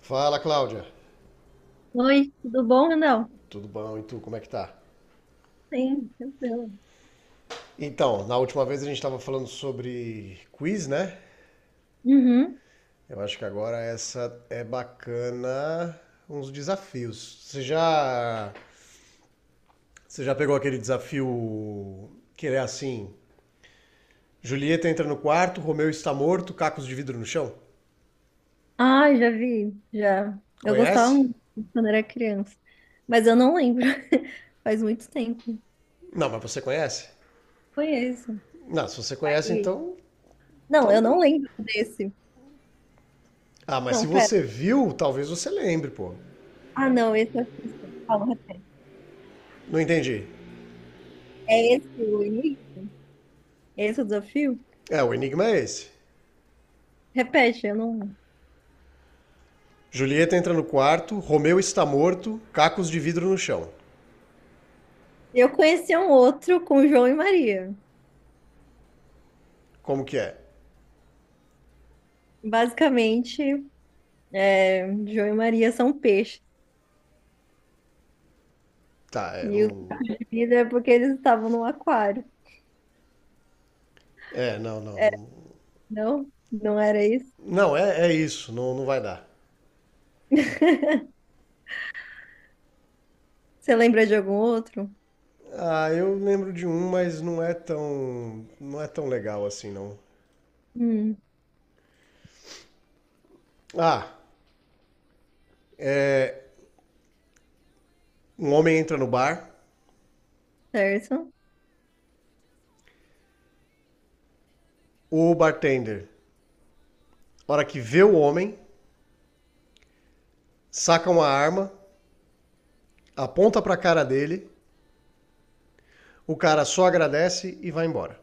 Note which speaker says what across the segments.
Speaker 1: Fala, Cláudia.
Speaker 2: Oi, tudo bom, Randall?
Speaker 1: Tudo bom? E tu, como é que tá?
Speaker 2: Sim, tranquilo.
Speaker 1: Então, na última vez a gente estava falando sobre quiz, né?
Speaker 2: Uhum.
Speaker 1: Eu acho que agora essa é bacana uns desafios. Você já pegou aquele desafio que é assim: Julieta entra no quarto, Romeu está morto, cacos de vidro no chão?
Speaker 2: Ah, já vi, já. Eu gostava
Speaker 1: Conhece?
Speaker 2: muito quando era criança, mas eu não lembro. Faz muito tempo.
Speaker 1: Não, mas você conhece?
Speaker 2: Conheço.
Speaker 1: Não, se você conhece,
Speaker 2: Aí-
Speaker 1: então,
Speaker 2: Não, eu
Speaker 1: então.
Speaker 2: não lembro desse.
Speaker 1: Ah, mas
Speaker 2: Não,
Speaker 1: se
Speaker 2: pera.
Speaker 1: você viu, talvez você lembre, pô.
Speaker 2: Ah, não, esse eu acho que eu sei. Fala, repete.
Speaker 1: Não entendi.
Speaker 2: É esse o início? Esse é o desafio?
Speaker 1: É, o enigma é esse.
Speaker 2: Repete, eu não.
Speaker 1: Julieta entra no quarto, Romeu está morto, cacos de vidro no chão.
Speaker 2: Eu conheci um outro com João e Maria.
Speaker 1: Como que é?
Speaker 2: Basicamente, João e Maria são peixes.
Speaker 1: Tá, é,
Speaker 2: E o
Speaker 1: não.
Speaker 2: de é porque eles estavam no aquário.
Speaker 1: É, não, não.
Speaker 2: É,
Speaker 1: Não,
Speaker 2: Não? Não era isso?
Speaker 1: não é, é isso, não, não vai dar.
Speaker 2: Você lembra de algum outro?
Speaker 1: Ah, eu lembro de um, mas não é tão. Não é tão legal assim, não.
Speaker 2: Hum,
Speaker 1: Ah, é. Um homem entra no bar,
Speaker 2: certo.
Speaker 1: o bartender, na hora que vê o homem, saca uma arma, aponta pra cara dele, o cara só agradece e vai embora.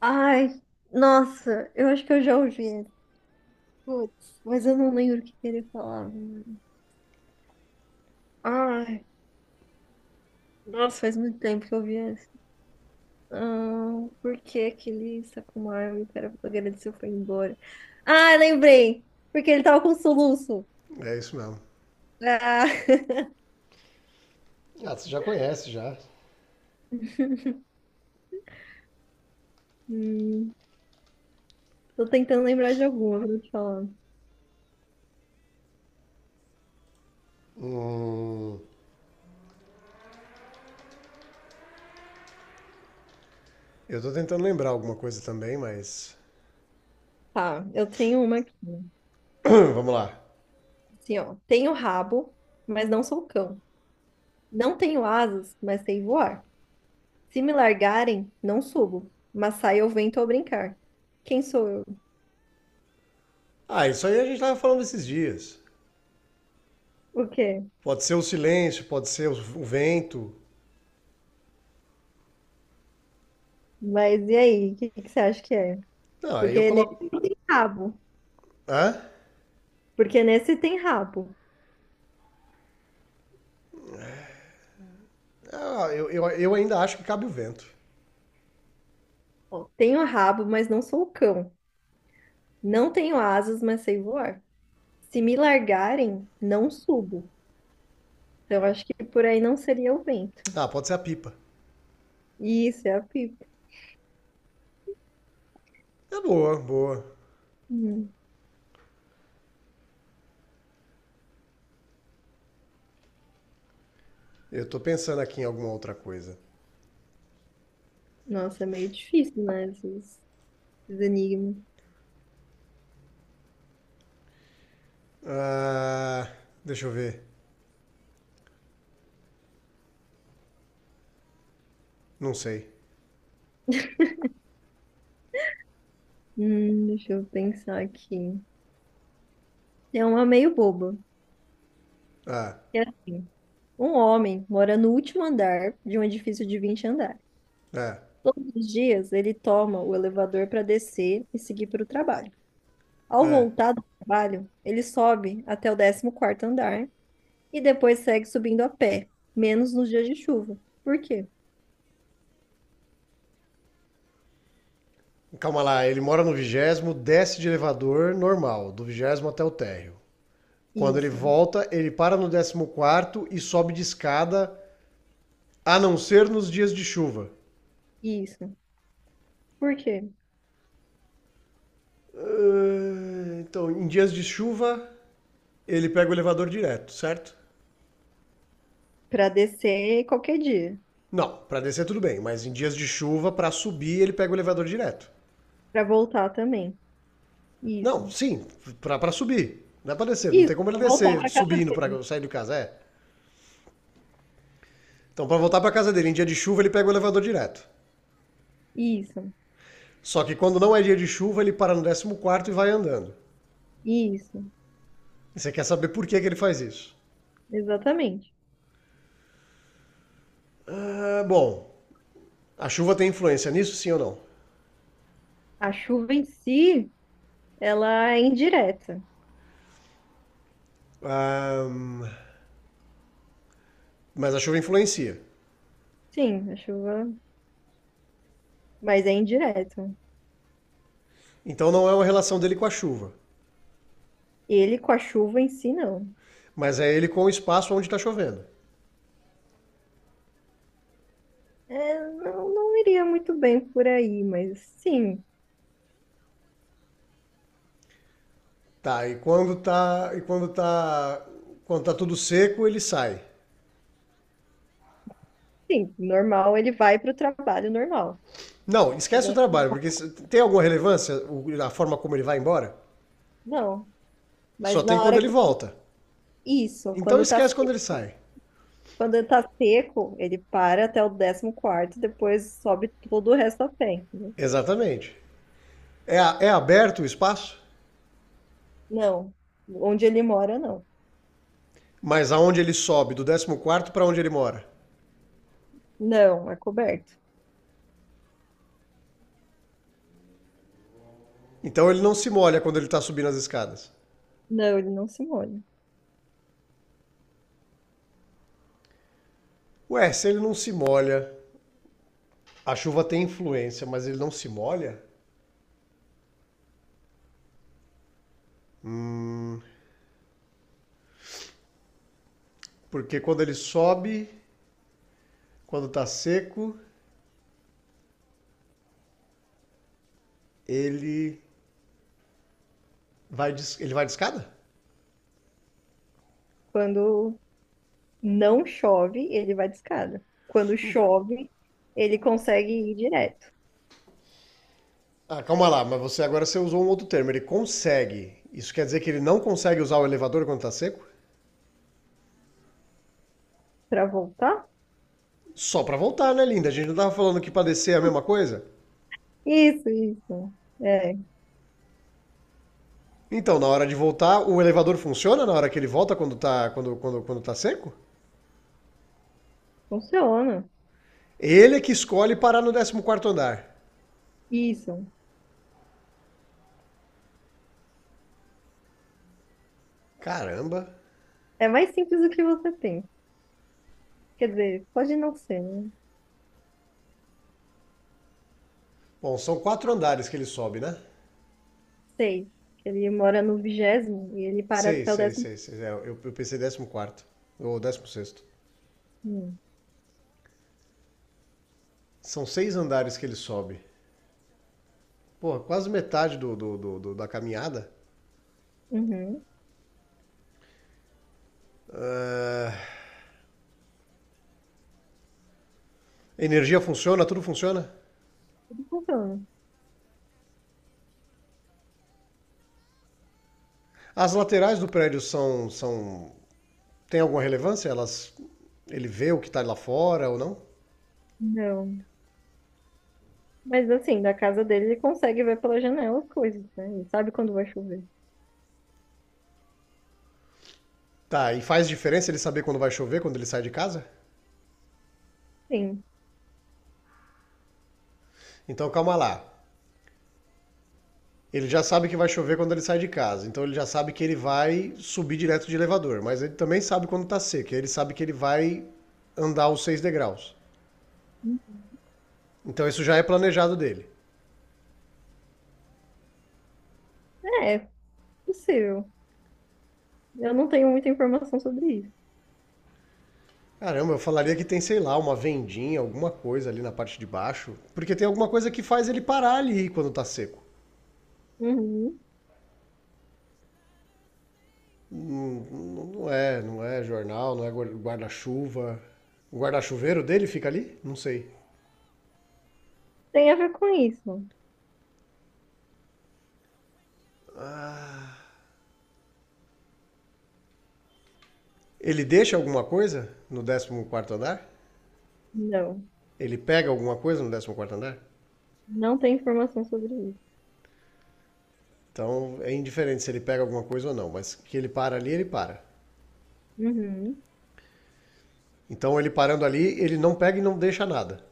Speaker 2: Ai, nossa, eu acho que eu já ouvi. Putz, mas eu não lembro o que que ele falava. Ai, nossa, faz muito tempo que eu vi esse. Ah, por que aquele Sakumaru, o cara agradeceu, foi embora? Ah, lembrei! Porque ele tava com um soluço.
Speaker 1: É isso mesmo.
Speaker 2: Ah.
Speaker 1: Ah, você já conhece já.
Speaker 2: Hum, Tô tentando lembrar de alguma, vou te falar.
Speaker 1: Eu tô tentando lembrar alguma coisa também, mas.
Speaker 2: Tá, eu tenho uma aqui.
Speaker 1: Vamos lá.
Speaker 2: Assim, ó, tenho rabo, mas não sou cão. Não tenho asas, mas sei voar. Se me largarem, não subo, mas sai ao vento ao brincar. Quem sou eu?
Speaker 1: Ah, isso aí a gente tava falando esses dias.
Speaker 2: O quê?
Speaker 1: Pode ser o silêncio, pode ser o vento.
Speaker 2: Mas e aí, o que que você acha que é?
Speaker 1: Não, aí eu
Speaker 2: Porque nesse
Speaker 1: coloco.
Speaker 2: não tem rabo.
Speaker 1: Hã?
Speaker 2: Porque nesse tem rabo.
Speaker 1: Ah, eu ainda acho que cabe o vento.
Speaker 2: Ó, tenho rabo, mas não sou cão. Não tenho asas, mas sei voar. Se me largarem, não subo. Então acho que por aí não seria o vento.
Speaker 1: Ah, pode ser a pipa.
Speaker 2: Isso, é a pipa.
Speaker 1: É boa, boa.
Speaker 2: Hum.
Speaker 1: Eu tô pensando aqui em alguma outra coisa.
Speaker 2: Nossa, é meio difícil, né? Esses enigmas.
Speaker 1: Ah, deixa eu ver. Não sei.
Speaker 2: Deixa eu pensar aqui. É uma meio boba.
Speaker 1: Ah,
Speaker 2: É assim, um homem mora no último andar de um edifício de 20 andares.
Speaker 1: é,
Speaker 2: Todos os dias ele toma o elevador para descer e seguir para o trabalho. Ao
Speaker 1: é.
Speaker 2: voltar do trabalho, ele sobe até o 14º andar e depois segue subindo a pé, menos nos dias de chuva. Por quê?
Speaker 1: Calma lá, ele mora no vigésimo, desce de elevador normal, do vigésimo até o térreo. Quando ele
Speaker 2: Isso,
Speaker 1: volta, ele para no décimo quarto e sobe de escada, a não ser nos dias de chuva.
Speaker 2: isso. Por quê?
Speaker 1: Ah, então, em dias de chuva, ele pega o elevador direto, certo?
Speaker 2: Para descer qualquer dia,
Speaker 1: Não, para descer tudo bem, mas em dias de chuva, para subir, ele pega o elevador direto.
Speaker 2: para voltar também.
Speaker 1: Não,
Speaker 2: Isso.
Speaker 1: sim, para pra subir. Não é pra descer, não
Speaker 2: Isso,
Speaker 1: tem como ele
Speaker 2: para voltar
Speaker 1: descer
Speaker 2: para casa
Speaker 1: subindo
Speaker 2: dele.
Speaker 1: para sair de casa, é. Então, para voltar pra casa dele em dia de chuva, ele pega o elevador direto.
Speaker 2: Isso.
Speaker 1: Só que quando não é dia de chuva, ele para no décimo quarto e vai andando.
Speaker 2: Isso,
Speaker 1: E você quer saber por que, que ele faz isso?
Speaker 2: exatamente.
Speaker 1: Ah, bom, a chuva tem influência nisso, sim ou não?
Speaker 2: A chuva em si, ela é indireta.
Speaker 1: Ah, mas a chuva influencia.
Speaker 2: Sim, a chuva, mas é indireta.
Speaker 1: Então não é uma relação dele com a chuva,
Speaker 2: Ele com a chuva em si, não.
Speaker 1: mas é ele com o espaço onde está chovendo.
Speaker 2: É, não, não iria muito bem por aí, mas sim,
Speaker 1: Tá, quando tá tudo seco, ele sai.
Speaker 2: sim, normal, ele vai para o trabalho normal.
Speaker 1: Não,
Speaker 2: Mas
Speaker 1: esquece o
Speaker 2: é-
Speaker 1: trabalho, porque tem alguma relevância a forma como ele vai embora?
Speaker 2: Não,
Speaker 1: Só
Speaker 2: mas
Speaker 1: tem
Speaker 2: na
Speaker 1: quando
Speaker 2: hora que...
Speaker 1: ele volta.
Speaker 2: Isso,
Speaker 1: Então esquece quando ele sai.
Speaker 2: quando tá seco, ele para até o 14º, depois sobe todo o resto a pé, entendeu?
Speaker 1: Exatamente. É aberto o espaço,
Speaker 2: Não, onde ele mora, não.
Speaker 1: mas aonde ele sobe, do décimo quarto para onde ele mora?
Speaker 2: Não, é coberto.
Speaker 1: Então ele não se molha quando ele está subindo as escadas.
Speaker 2: Não, ele não se molha.
Speaker 1: Ué, se ele não se molha, a chuva tem influência, mas ele não se molha? Hum, porque quando ele sobe, quando está seco, ele ele vai de escada?
Speaker 2: Quando não chove, ele vai de escada. Quando chove, ele consegue ir direto
Speaker 1: Ah, calma lá, mas você agora você usou um outro termo, ele consegue. Isso quer dizer que ele não consegue usar o elevador quando está seco?
Speaker 2: para voltar.
Speaker 1: Só para voltar, né, linda? A gente não tava falando que para descer é a mesma coisa?
Speaker 2: Isso, isso. É,
Speaker 1: Então, na hora de voltar, o elevador funciona na hora que ele volta quando está quando, quando, quando tá seco?
Speaker 2: funciona.
Speaker 1: Ele é que escolhe parar no décimo quarto andar.
Speaker 2: Isso.
Speaker 1: Caramba.
Speaker 2: É mais simples do que você tem. Quer dizer, pode não ser, né?
Speaker 1: Bom, são quatro andares que ele sobe, né?
Speaker 2: Sei. Ele mora no 20º e ele para
Speaker 1: Seis,
Speaker 2: até o
Speaker 1: seis,
Speaker 2: décimo.
Speaker 1: seis, seis. É, eu pensei décimo quarto ou décimo sexto.
Speaker 2: Hum.
Speaker 1: São seis andares que ele sobe. Pô, quase metade da caminhada.
Speaker 2: Uhum.
Speaker 1: Ah, energia funciona? Tudo funciona?
Speaker 2: Funciona.
Speaker 1: As laterais do prédio são. São tem alguma relevância? Elas. Ele vê o que tá lá fora ou não?
Speaker 2: Não. Mas assim, da casa dele, ele consegue ver pela janela as coisas, né? Ele sabe quando vai chover.
Speaker 1: Tá, e faz diferença ele saber quando vai chover, quando ele sai de casa?
Speaker 2: Sim.
Speaker 1: Então calma lá. Ele já sabe que vai chover quando ele sai de casa, então ele já sabe que ele vai subir direto de elevador, mas ele também sabe quando está seco, ele sabe que ele vai andar os seis degraus. Então isso já é planejado dele.
Speaker 2: É, possível. Eu não tenho muita informação sobre isso.
Speaker 1: Caramba, eu falaria que tem, sei lá, uma vendinha, alguma coisa ali na parte de baixo, porque tem alguma coisa que faz ele parar ali quando tá seco.
Speaker 2: Uhum.
Speaker 1: Não, é, não é jornal, não é guarda-chuva. O guarda-chuveiro dele fica ali? Não sei.
Speaker 2: Tem a ver com isso?
Speaker 1: Ele deixa alguma coisa no décimo quarto andar?
Speaker 2: Não.
Speaker 1: Ele pega alguma coisa no décimo quarto andar?
Speaker 2: Não tem informação sobre isso.
Speaker 1: Então é indiferente se ele pega alguma coisa ou não, mas que ele para ali, ele para.
Speaker 2: Uhum.
Speaker 1: Então ele parando ali, ele não pega e não deixa nada.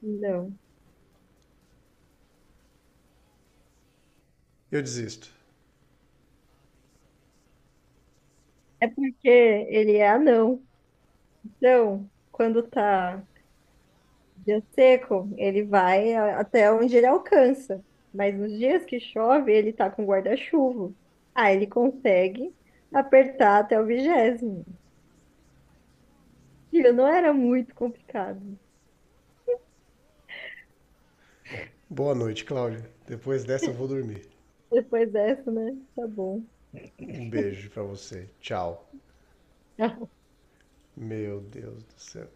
Speaker 2: Não.
Speaker 1: Eu desisto.
Speaker 2: É porque ele é anão. Então, quando tá dia seco, até onde ele alcança. Mas nos dias que chove, ele tá com guarda-chuva. Aí ele consegue apertar até o 20º. Filho, não era muito complicado.
Speaker 1: Boa noite, Cláudio. Depois dessa eu vou dormir.
Speaker 2: Depois dessa, né? Tá bom.
Speaker 1: Um beijo pra você. Tchau. Meu Deus do céu.